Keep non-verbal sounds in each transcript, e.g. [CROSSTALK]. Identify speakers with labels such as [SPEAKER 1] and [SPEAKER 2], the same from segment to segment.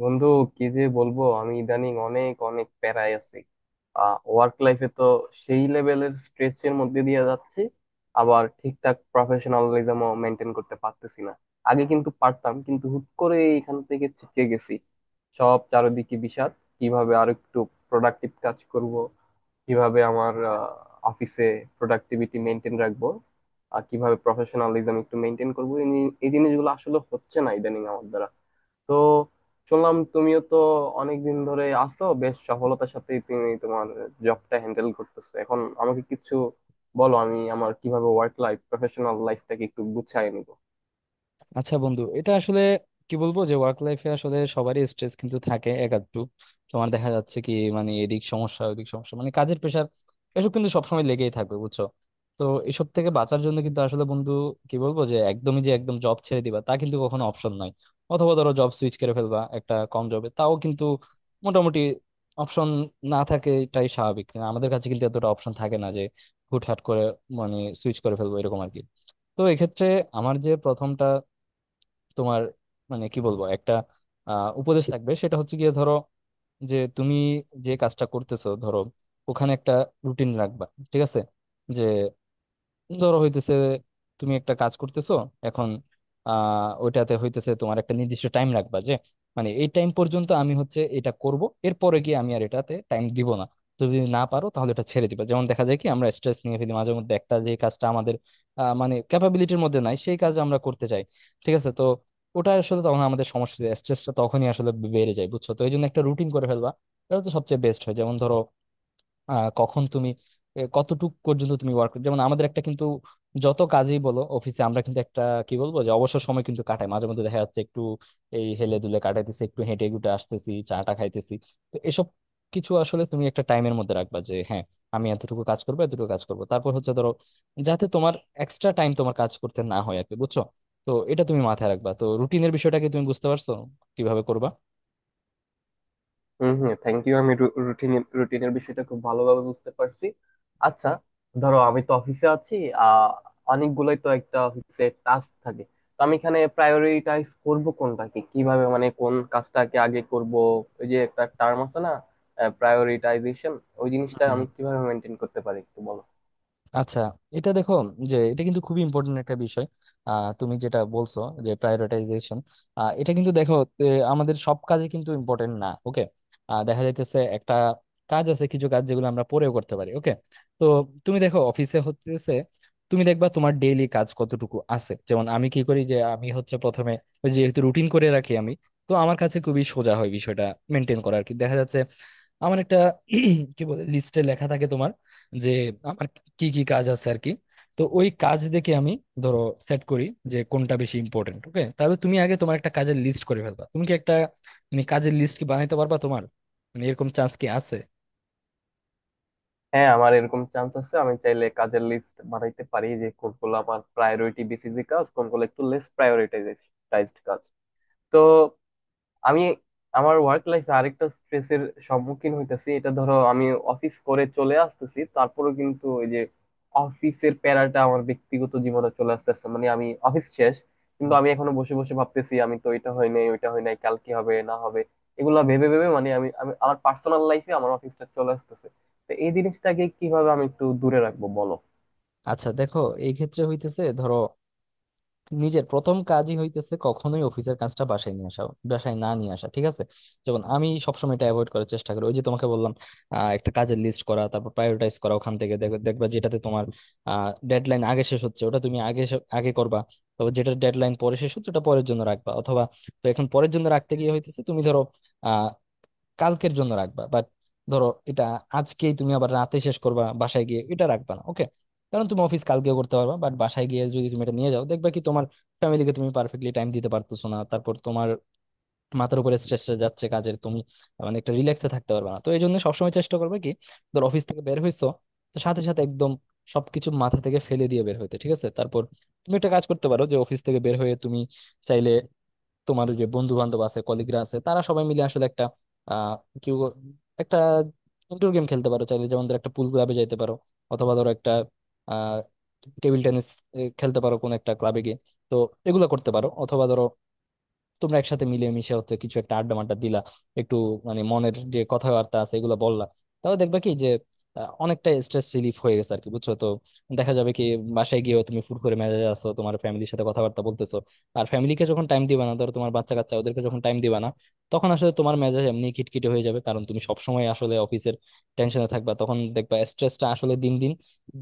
[SPEAKER 1] বন্ধু, কি যে বলবো, আমি ইদানিং অনেক অনেক প্যারায় আছি। ওয়ার্ক লাইফে তো সেই লেভেলের স্ট্রেসের মধ্যে দিয়ে যাচ্ছি। আবার ঠিকঠাক প্রফেশনালিজমও মেনটেন করতে পারতেছি না। আগে কিন্তু পারতাম, কিন্তু হুট করে এখান থেকে ছিটকে গেছি। সব চারিদিকে বিষাদ। কিভাবে আর একটু প্রোডাক্টিভ কাজ করব, কিভাবে আমার অফিসে প্রোডাক্টিভিটি মেনটেন রাখবো, আর কিভাবে প্রফেশনালিজম একটু মেনটেন করবো এই জিনিসগুলো আসলে হচ্ছে না ইদানিং আমার দ্বারা। তো শুনলাম তুমিও তো অনেকদিন ধরে আছো, বেশ সফলতার সাথে তুমি তোমার জবটা হ্যান্ডেল করতেছো। এখন আমাকে কিছু বলো, আমি আমার কিভাবে ওয়ার্ক লাইফ, প্রফেশনাল লাইফটাকে একটু গুছায় নিব।
[SPEAKER 2] আচ্ছা বন্ধু, এটা আসলে কি বলবো যে ওয়ার্ক লাইফে আসলে সবারই স্ট্রেস কিন্তু থাকে এক আধটু। তোমার দেখা যাচ্ছে কি, মানে এদিক সমস্যা ওদিক সমস্যা, মানে কাজের প্রেশার, এসব কিন্তু সবসময় লেগেই থাকবে বুঝছো। তো এসব থেকে বাঁচার জন্য কিন্তু আসলে বন্ধু কি বলবো, যে একদমই যে একদম জব ছেড়ে দিবা তা কিন্তু কখনো অপশন নাই। অথবা ধরো জব সুইচ করে ফেলবা একটা কম জবে, তাও কিন্তু মোটামুটি অপশন না থাকে, এটাই স্বাভাবিক। আমাদের কাছে কিন্তু এতটা অপশন থাকে না যে হুটহাট করে মানে সুইচ করে ফেলবো, এরকম আর কি। তো এক্ষেত্রে আমার যে প্রথমটা তোমার মানে কি বলবো, একটা উপদেশ থাকবে, সেটা হচ্ছে গিয়ে ধরো যে তুমি যে কাজটা করতেছো, ধরো ওখানে একটা রুটিন রাখবা, ঠিক আছে? যে ধরো হইতেছে তুমি একটা কাজ করতেছো এখন, ওইটাতে হইতেছে তোমার একটা নির্দিষ্ট টাইম রাখবা, যে মানে এই টাইম পর্যন্ত আমি হচ্ছে এটা করব, এরপরে গিয়ে আমি আর এটাতে টাইম দিব না। তুমি যদি না পারো তাহলে এটা ছেড়ে দিবা। যেমন দেখা যায় কি, আমরা স্ট্রেস নিয়ে ফেলি মাঝে মধ্যে একটা, যে কাজটা আমাদের মানে ক্যাপাবিলিটির মধ্যে নাই সেই কাজ আমরা করতে চাই, ঠিক আছে? তো ওটা আসলে তখন আমাদের সমস্যা, স্ট্রেসটা তখনই আসলে বেড়ে যায় বুঝছো। তো এই জন্য একটা রুটিন করে ফেলবা, এটা তো সবচেয়ে বেস্ট হয়। যেমন ধরো কখন তুমি কতটুক পর্যন্ত তুমি ওয়ার্ক, যেমন আমাদের একটা কিন্তু যত কাজই বলো অফিসে আমরা কিন্তু একটা কি বলবো যে অবসর সময় কিন্তু কাটাই মাঝে মধ্যে, দেখা যাচ্ছে একটু এই হেলে দুলে কাটাইতেছি, একটু হেঁটে গুটে আসতেছি, চাটা খাইতেছি। তো এসব কিছু আসলে তুমি একটা টাইমের মধ্যে রাখবা, যে হ্যাঁ আমি এতটুকু কাজ করবো এতটুকু কাজ করবো, তারপর হচ্ছে ধরো যাতে তোমার এক্সট্রা টাইম তোমার কাজ করতে না হয় আর কি, বুঝছো? তো এটা তুমি মাথায় রাখবা। তো রুটিনের বিষয়টাকে তুমি বুঝতে পারছো কিভাবে করবা?
[SPEAKER 1] হম, হম, থ্যাংক ইউ। আমি রুটিনের রুটিনের বিষয়টা খুব ভালোভাবে বুঝতে পারছি। আচ্ছা, ধরো আমি তো অফিসে আছি। আহ অনেকগুলোই তো একটা অফিসে টাস্ক থাকে। তো আমি এখানে প্রায়োরিটাইজ করব কোনটাকে কিভাবে, মানে কোন কাজটাকে আগে করব। ওই যে একটা টার্ম আছে না, প্রায়োরিটাইজেশন, ওই জিনিসটা আমি কিভাবে মেনটেন করতে পারি একটু বলো।
[SPEAKER 2] আচ্ছা, এটা দেখো যে এটা কিন্তু খুবই ইম্পর্টেন্ট একটা বিষয়। তুমি যেটা বলছো, যে প্রায়োরিটাইজেশন, এটা কিন্তু দেখো, এ, আমাদের সব কাজে কিন্তু ইম্পর্টেন্ট না, ওকে? দেখা যাইতেছে একটা কাজ আছে, কিছু কাজ যেগুলো আমরা পরেও করতে পারি, ওকে? তো তুমি দেখো অফিসে হচ্ছে তুমি দেখবা তোমার ডেইলি কাজ কতটুকু আছে। যেমন আমি কি করি, যে আমি হচ্ছে প্রথমে ওই যেহেতু রুটিন করে রাখি আমি, তো আমার কাছে খুবই সোজা হয় বিষয়টা মেনটেন করা আর কি। দেখা যাচ্ছে আমার একটা [CLEARS THROAT] কি বলে লিস্টে লেখা থাকে তোমার, যে আমার কি কি কাজ আছে আর কি। তো ওই কাজ দেখে আমি ধরো সেট করি যে কোনটা বেশি ইম্পর্টেন্ট, ওকে? তাহলে তুমি আগে তোমার একটা কাজের লিস্ট করে ফেলবা। তুমি কি একটা মানে কাজের লিস্ট কি বানাইতে পারবা তোমার? মানে এরকম চান্স কি আছে?
[SPEAKER 1] হ্যাঁ, আমার এরকম চান্স আছে, আমি চাইলে কাজের লিস্ট বানাইতে পারি যে কোনগুলো আমার প্রায়োরিটি বেসিসে কাজ, কোনগুলো একটু লেস প্রায়োরিটাইজড কাজ। তো আমি আমার ওয়ার্ক লাইফে আরেকটা স্ট্রেসের সম্মুখীন হইতেছি। এটা ধরো আমি অফিস করে চলে আসতেছি, তারপরেও কিন্তু ওই যে অফিসের প্যারাটা আমার ব্যক্তিগত জীবনে চলে আসতেছে। মানে আমি অফিস শেষ, কিন্তু
[SPEAKER 2] হুম।
[SPEAKER 1] আমি এখনো বসে বসে ভাবতেছি আমি তো এটা হয় নাই, ওইটা হয় নাই, কাল কি হবে না হবে। এগুলা ভেবে ভেবে মানে আমি আমি আমার পার্সোনাল লাইফে আমার অফিসটা চলে আসতেছে। তো এই জিনিসটাকে কিভাবে আমি একটু দূরে রাখবো বলো।
[SPEAKER 2] আচ্ছা দেখো, এই ক্ষেত্রে হইতেছে ধরো নিজের প্রথম কাজই হইতেছে কখনোই অফিসের কাজটা বাসায় নিয়ে আসা, বাসায় না নিয়ে আসা, ঠিক আছে? যেমন আমি সবসময় এটা অ্যাভয়েড করার চেষ্টা করি। ওই যে তোমাকে বললাম একটা কাজের লিস্ট করা, তারপর প্রায়োরিটাইজ করা, ওখান থেকে দেখবা যেটাতে তোমার ডেডলাইন আগে শেষ হচ্ছে ওটা তুমি আগে আগে করবা। তারপর যেটা ডেডলাইন পরে শেষ হচ্ছে ওটা পরের জন্য রাখবা। অথবা, তো এখন পরের জন্য রাখতে গিয়ে হইতেছে তুমি ধরো কালকের জন্য রাখবা, বাট ধরো এটা আজকেই তুমি আবার রাতে শেষ করবা বাসায় গিয়ে, এটা রাখবা না, ওকে? কারণ তুমি অফিস কালকেও করতে পারবা, বাট বাসায় গিয়ে যদি তুমি এটা নিয়ে যাও, দেখবা কি তোমার ফ্যামিলিকে তুমি পারফেক্টলি টাইম দিতে পারতেছো না, তারপর তোমার মাথার উপরে স্ট্রেস যাচ্ছে কাজের, তুমি মানে একটা রিল্যাক্সে থাকতে পারবে না। তো এই জন্য সবসময় চেষ্টা করবে কি, ধর অফিস থেকে বের হইছো, তো সাথে সাথে একদম সবকিছু মাথা থেকে ফেলে দিয়ে বের হইতে, ঠিক আছে? তারপর তুমি একটা কাজ করতে পারো, যে অফিস থেকে বের হয়ে তুমি চাইলে তোমার যে বন্ধু বান্ধব আছে, কলিগরা আছে, তারা সবাই মিলে আসলে একটা আহ কি বল- একটা ইনডোর গেম খেলতে পারো চাইলে। যেমন ধরো একটা পুল ক্লাবে যাইতে পারো, অথবা ধরো একটা আহ টেবিল টেনিস খেলতে পারো কোন একটা ক্লাবে গিয়ে। তো এগুলো করতে পারো, অথবা ধরো তোমরা একসাথে মিলেমিশে হচ্ছে কিছু একটা আড্ডা মাড্ডা দিলা একটু, মানে মনের যে কথাবার্তা আছে এগুলো বললা। তাহলে দেখবা কি যে অনেকটা স্ট্রেস রিলিফ হয়ে গেছে আর কি, বুঝছো? তো দেখা যাবে কি বাসায় গিয়েও তুমি ফুরফুরে মেজাজে আছো, তোমার ফ্যামিলির সাথে কথাবার্তা বলতেছো। আর ফ্যামিলিকে যখন টাইম দিবা না, ধরো তোমার বাচ্চা কাচ্চা ওদেরকে যখন টাইম দিবা না, তখন আসলে তোমার মেজাজ এমনি খিটখিটে হয়ে যাবে, কারণ তুমি সবসময় আসলে অফিসের টেনশনে থাকবা। তখন দেখবা স্ট্রেসটা আসলে দিন দিন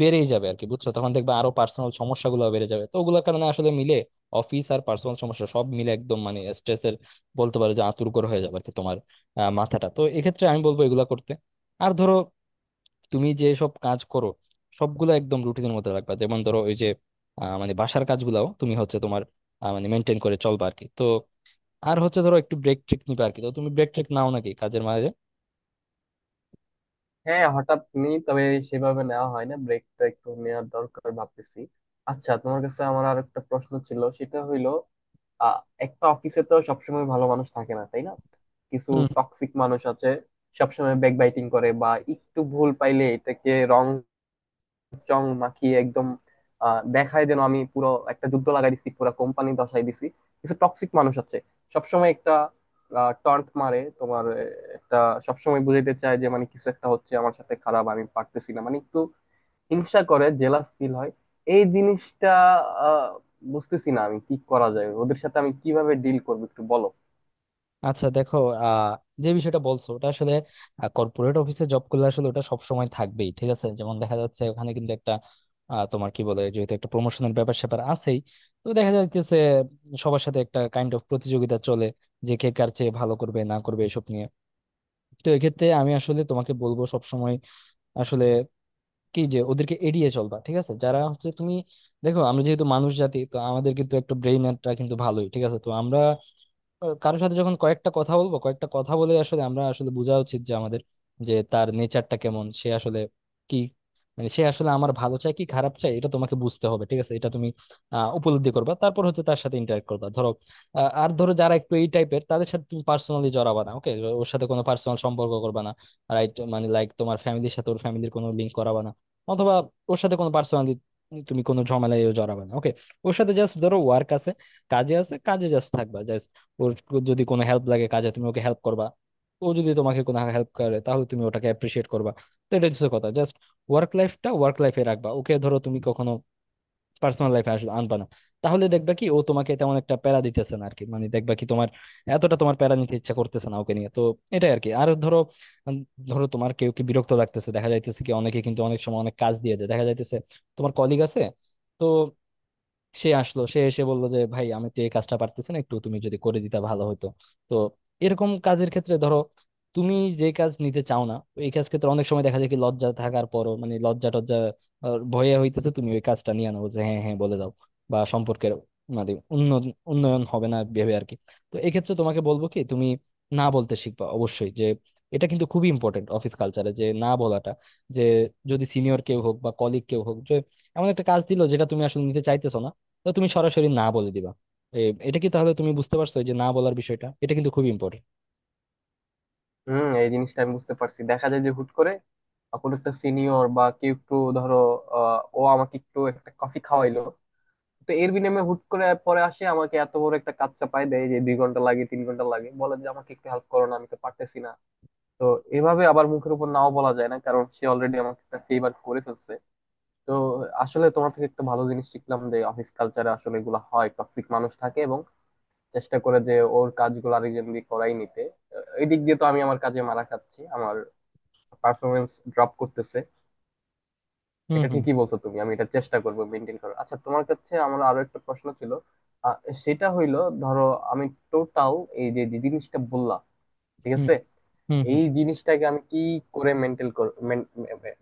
[SPEAKER 2] বেড়েই যাবে আর কি, বুঝছো? তখন দেখবা আরো পার্সোনাল সমস্যাগুলো বেড়ে যাবে। তো ওগুলোর কারণে আসলে মিলে, অফিস আর পার্সোনাল সমস্যা সব মিলে একদম মানে স্ট্রেসের বলতে পারো যে আঁতুড় করে হয়ে যাবে আর কি তোমার মাথাটা। তো এক্ষেত্রে আমি বলবো এগুলা করতে। আর ধরো তুমি যে সব কাজ করো সবগুলো একদম রুটিনের মধ্যে রাখবা। যেমন ধরো ওই যে মানে বাসার কাজগুলাও তুমি হচ্ছে তোমার মানে মেনটেন করে চলবা আর কি। তো আর হচ্ছে ধরো একটু ব্রেক ট্রেক নিবা আর কি। তো তুমি ব্রেক ট্রেক নাও নাকি কাজের মাঝে?
[SPEAKER 1] হ্যাঁ, হঠাৎ নি, তবে সেভাবে নেওয়া হয় না, ব্রেকটা একটু নেওয়ার দরকার ভাবতেছি। আচ্ছা, তোমার কাছে আমার আর একটা প্রশ্ন ছিল, সেটা হইলো আহ একটা অফিসে তো সবসময় ভালো মানুষ থাকে না, তাই না? কিছু টক্সিক মানুষ আছে সবসময় ব্যাকবাইটিং করে, বা একটু ভুল পাইলে এটাকে রং চং মাখিয়ে একদম দেখায় যেন আমি পুরো একটা যুদ্ধ লাগাই দিছি, পুরো কোম্পানি দশাই দিছি। কিছু টক্সিক মানুষ আছে সবসময় একটা টন্ট মারে তোমার। একটা সবসময় বুঝাইতে চায় যে মানে কিছু একটা হচ্ছে আমার সাথে খারাপ, আমি পারতেছি না, মানে একটু হিংসা করে, জেলাস ফিল হয়। এই জিনিসটা আহ, বুঝতেছি না আমি, কি করা যায় ওদের সাথে, আমি কিভাবে ডিল করবো একটু বলো।
[SPEAKER 2] আচ্ছা দেখো, আহ যে বিষয়টা বলছো ওটা আসলে কর্পোরেট অফিসে জব করলে আসলে ওটা সবসময় থাকবেই, ঠিক আছে? যেমন দেখা যাচ্ছে ওখানে কিন্তু একটা তোমার কি বলে যেহেতু একটা প্রমোশনের ব্যাপার স্যাপার আছেই, তো দেখা যাচ্ছে সবার সাথে একটা কাইন্ড অফ প্রতিযোগিতা চলে যে কে কার চেয়ে ভালো করবে না করবে এসব নিয়ে। তো এক্ষেত্রে আমি আসলে তোমাকে বলবো সবসময় আসলে কি, যে ওদেরকে এড়িয়ে চলবা, ঠিক আছে? যারা হচ্ছে তুমি দেখো আমরা যেহেতু মানুষ জাতি, তো আমাদের কিন্তু একটা ব্রেইনটা কিন্তু ভালোই ঠিক আছে। তো আমরা কারোর সাথে যখন কয়েকটা কথা বলবো, কয়েকটা কথা বলে আসলে আমরা আসলে বোঝা উচিত যে আমাদের যে তার নেচারটা কেমন, সে আসলে কি মানে সে আসলে আমার ভালো চায় কি খারাপ চায়, এটা তোমাকে বুঝতে হবে, ঠিক আছে? এটা তুমি উপলব্ধি করবা, তারপর হচ্ছে তার সাথে ইন্টারেক্ট করবা ধরো। আর ধরো যারা একটু এই টাইপের তাদের সাথে তুমি পার্সোনালি জড়াবা না, ওকে? ওর সাথে কোনো পার্সোনাল সম্পর্ক করবা না। রাইট, মানে লাইক তোমার ফ্যামিলির সাথে ওর ফ্যামিলির কোনো লিঙ্ক করাবা না, অথবা ওর সাথে কোনো পার্সোনালি তুমি কোনো ঝামেলায় জড়াবা না, ওকে? ওর সাথে জাস্ট ধরো ওয়ার্ক আছে, কাজে আছে, কাজে জাস্ট থাকবা। ওর যদি কোনো হেল্প লাগে কাজে তুমি ওকে হেল্প করবা। ও যদি তোমাকে কোনো হেল্প করে, তাহলে তুমি ওটাকে অ্যাপ্রিসিয়েট করবা। তো এটা হচ্ছে কথা, জাস্ট ওয়ার্ক লাইফটা ওয়ার্ক লাইফে রাখবা, ওকে? ধরো তুমি কখনো পার্সোনাল লাইফে আসবে আনবা না। তাহলে দেখবা কি ও তোমাকে তেমন একটা প্যারা দিতেছে না আর কি, মানে দেখবা কি তোমার এতটা তোমার প্যারা নিতে ইচ্ছা করতেছে না ওকে নিয়ে। তো এটাই আর কি। আর ধরো উম, ধরো তোমার কেউ কি বিরক্ত লাগতেছে, দেখা যাইতেছে কি অনেকে কিন্তু অনেক সময় অনেক কাজ দিয়ে দেয়, দেখা যাইতেছে তোমার কলিগ আছে, তো সে আসলো, সে এসে বললো যে ভাই আমি তো এই কাজটা পারতেছি না, একটু তুমি যদি করে দিতা ভালো হতো। তো এরকম কাজের ক্ষেত্রে ধরো তুমি যে কাজ নিতে চাও না, এই কাজ ক্ষেত্রে অনেক সময় দেখা যায় কি লজ্জা থাকার পরও মানে লজ্জা টজ্জা, ভয়ে হইতেছে তুমি ওই কাজটা নিয়ে আনো, যে হ্যাঁ হ্যাঁ বলে দাও, বা সম্পর্কের মানে উন্নয়ন উন্নয়ন হবে না ভেবে আর কি। তো এক্ষেত্রে তোমাকে বলবো কি তুমি না বলতে শিখবা অবশ্যই, যে এটা কিন্তু খুবই ইম্পর্টেন্ট অফিস কালচারে যে না বলাটা। যে যদি সিনিয়র কেউ হোক বা কলিগ কেউ হোক, যে এমন একটা কাজ দিল যেটা তুমি আসলে নিতে চাইতেছো না, তো তুমি সরাসরি না বলে দিবা। এ, এটা কি তাহলে তুমি বুঝতে পারছো, যে না বলার বিষয়টা এটা কিন্তু খুব ইম্পর্টেন্ট?
[SPEAKER 1] হুম, এই জিনিসটা আমি বুঝতে পারছি। দেখা যায় যে হুট করে কোনো একটা সিনিয়র বা কেউ একটু ধরো ও আমাকে একটু একটা কফি খাওয়াইলো, তো এর বিনিময়ে হুট করে পরে আসে আমাকে এত বড় একটা কাজ চাপায় দেয় যে দুই ঘন্টা লাগে, তিন ঘন্টা লাগে, বলে যে আমাকে একটু হেল্প করো না, আমি তো পারতেছি না। তো এভাবে আবার মুখের উপর নাও বলা যায় না, কারণ সে অলরেডি আমাকে একটা ফেভার করে ফেলছে। তো আসলে তোমার থেকে একটা ভালো জিনিস শিখলাম, যে অফিস কালচারে আসলে এগুলো হয়, টক্সিক মানুষ থাকে এবং চেষ্টা করে যে ওর কাজগুলো আরেকজন দিয়ে করাই নিতে। এই দিক দিয়ে তো আমি আমার কাজে মারা খাচ্ছি, আমার পারফরমেন্স ড্রপ করতেছে।
[SPEAKER 2] হুম
[SPEAKER 1] এটা
[SPEAKER 2] হুম।
[SPEAKER 1] ঠিকই বলছো তুমি, আমি এটা চেষ্টা করব মেনটেন করার। আচ্ছা, তোমার কাছে আমার আরো একটা প্রশ্ন ছিল। আহ, সেটা হইলো ধরো আমি টোটাল এই যে যে জিনিসটা বললাম, ঠিক
[SPEAKER 2] হুম
[SPEAKER 1] আছে,
[SPEAKER 2] হুম হুম।
[SPEAKER 1] এই জিনিসটাকে আমি কি করে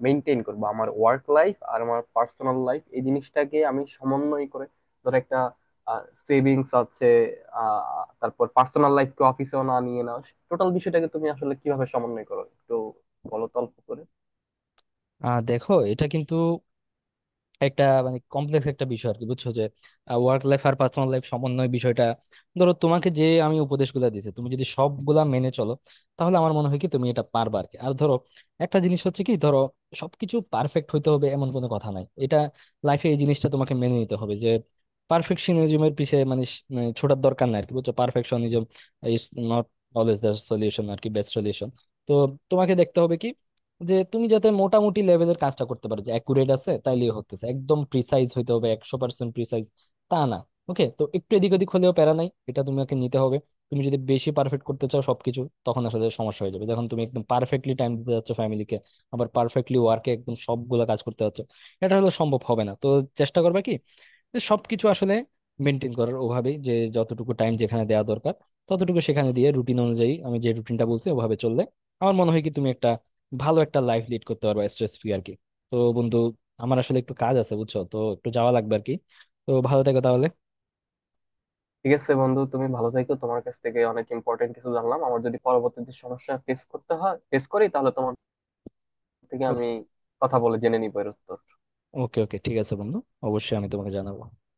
[SPEAKER 1] মেনটেন করব আমার ওয়ার্ক লাইফ আর আমার পার্সোনাল লাইফ, এই জিনিসটাকে আমি সমন্বয় করে, ধরো একটা সেভিংস আছে, তারপর পার্সোনাল লাইফকে অফিসেও না নিয়ে, না, টোটাল বিষয়টাকে তুমি আসলে কিভাবে সমন্বয় করো একটু বলো তো অল্প করে।
[SPEAKER 2] আর দেখো এটা কিন্তু একটা মানে কমপ্লেক্স একটা বিষয় আর কি, বুঝছো? যে ওয়ার্ক লাইফ আর পার্সোনাল লাইফ সমন্বয় বিষয়টা, ধরো তোমাকে যে আমি উপদেশগুলো দিয়েছি তুমি যদি সবগুলা মেনে চলো তাহলে আমার মনে হয় কি তুমি এটা পারবা আর কি। আর ধরো একটা জিনিস হচ্ছে কি, ধরো সবকিছু পারফেক্ট হইতে হবে এমন কোনো কথা নাই। এটা লাইফে এই জিনিসটা তোমাকে মেনে নিতে হবে যে পারফেকশনিজমের পিছে মানে মানে ছোটার দরকার নাই আর কি, বুঝছো? Perfectionism is not always the solution আর কি, বেস্ট সলিউশন। তো তোমাকে দেখতে হবে কি যে তুমি যাতে মোটামুটি লেভেলের কাজটা করতে পারো যে অ্যাকুরেট আছে, তাইলেই হতেছে। একদম প্রিসাইজ হইতে হবে, 100% প্রিসাইজ, তা না, ওকে? তো একটু এদিক ওদিক হলেও প্যারা নাই, এটা তোমাকে নিতে হবে। তুমি যদি বেশি পারফেক্ট করতে চাও সবকিছু, তখন আসলে সমস্যা হয়ে যাবে যখন তুমি একদম পারফেক্টলি টাইম দিতে যাচ্ছ ফ্যামিলিকে, আবার পারফেক্টলি ওয়ার্কে একদম সবগুলা কাজ করতে যাচ্ছ, এটা হলে সম্ভব হবে না। তো চেষ্টা করবে কি যে সবকিছু আসলে মেনটেন করার, ওভাবেই যে যতটুকু টাইম যেখানে দেওয়া দরকার ততটুকু সেখানে দিয়ে, রুটিন অনুযায়ী আমি যে রুটিনটা বলছি ওভাবে চললে আমার মনে হয় কি তুমি একটা ভালো একটা লাইফ লিড করতে পারবা, স্ট্রেস ফ্রি আর কি। তো বন্ধু, আমার আসলে একটু কাজ আছে বুঝছো, তো একটু যাওয়া লাগবে আর কি। তো ভালো থেকো তাহলে।
[SPEAKER 1] ঠিক আছে বন্ধু, তুমি ভালো থেকো। তোমার কাছ থেকে অনেক ইম্পর্টেন্ট কিছু জানলাম। আমার যদি পরবর্তীতে সমস্যা ফেস করতে হয়, ফেস করি, তাহলে তোমার থেকে আমি
[SPEAKER 2] ওকে
[SPEAKER 1] কথা বলে জেনে নিবো এর উত্তর।
[SPEAKER 2] ওকে ওকে, ঠিক আছে বন্ধু, অবশ্যই আমি তোমাকে জানাবো।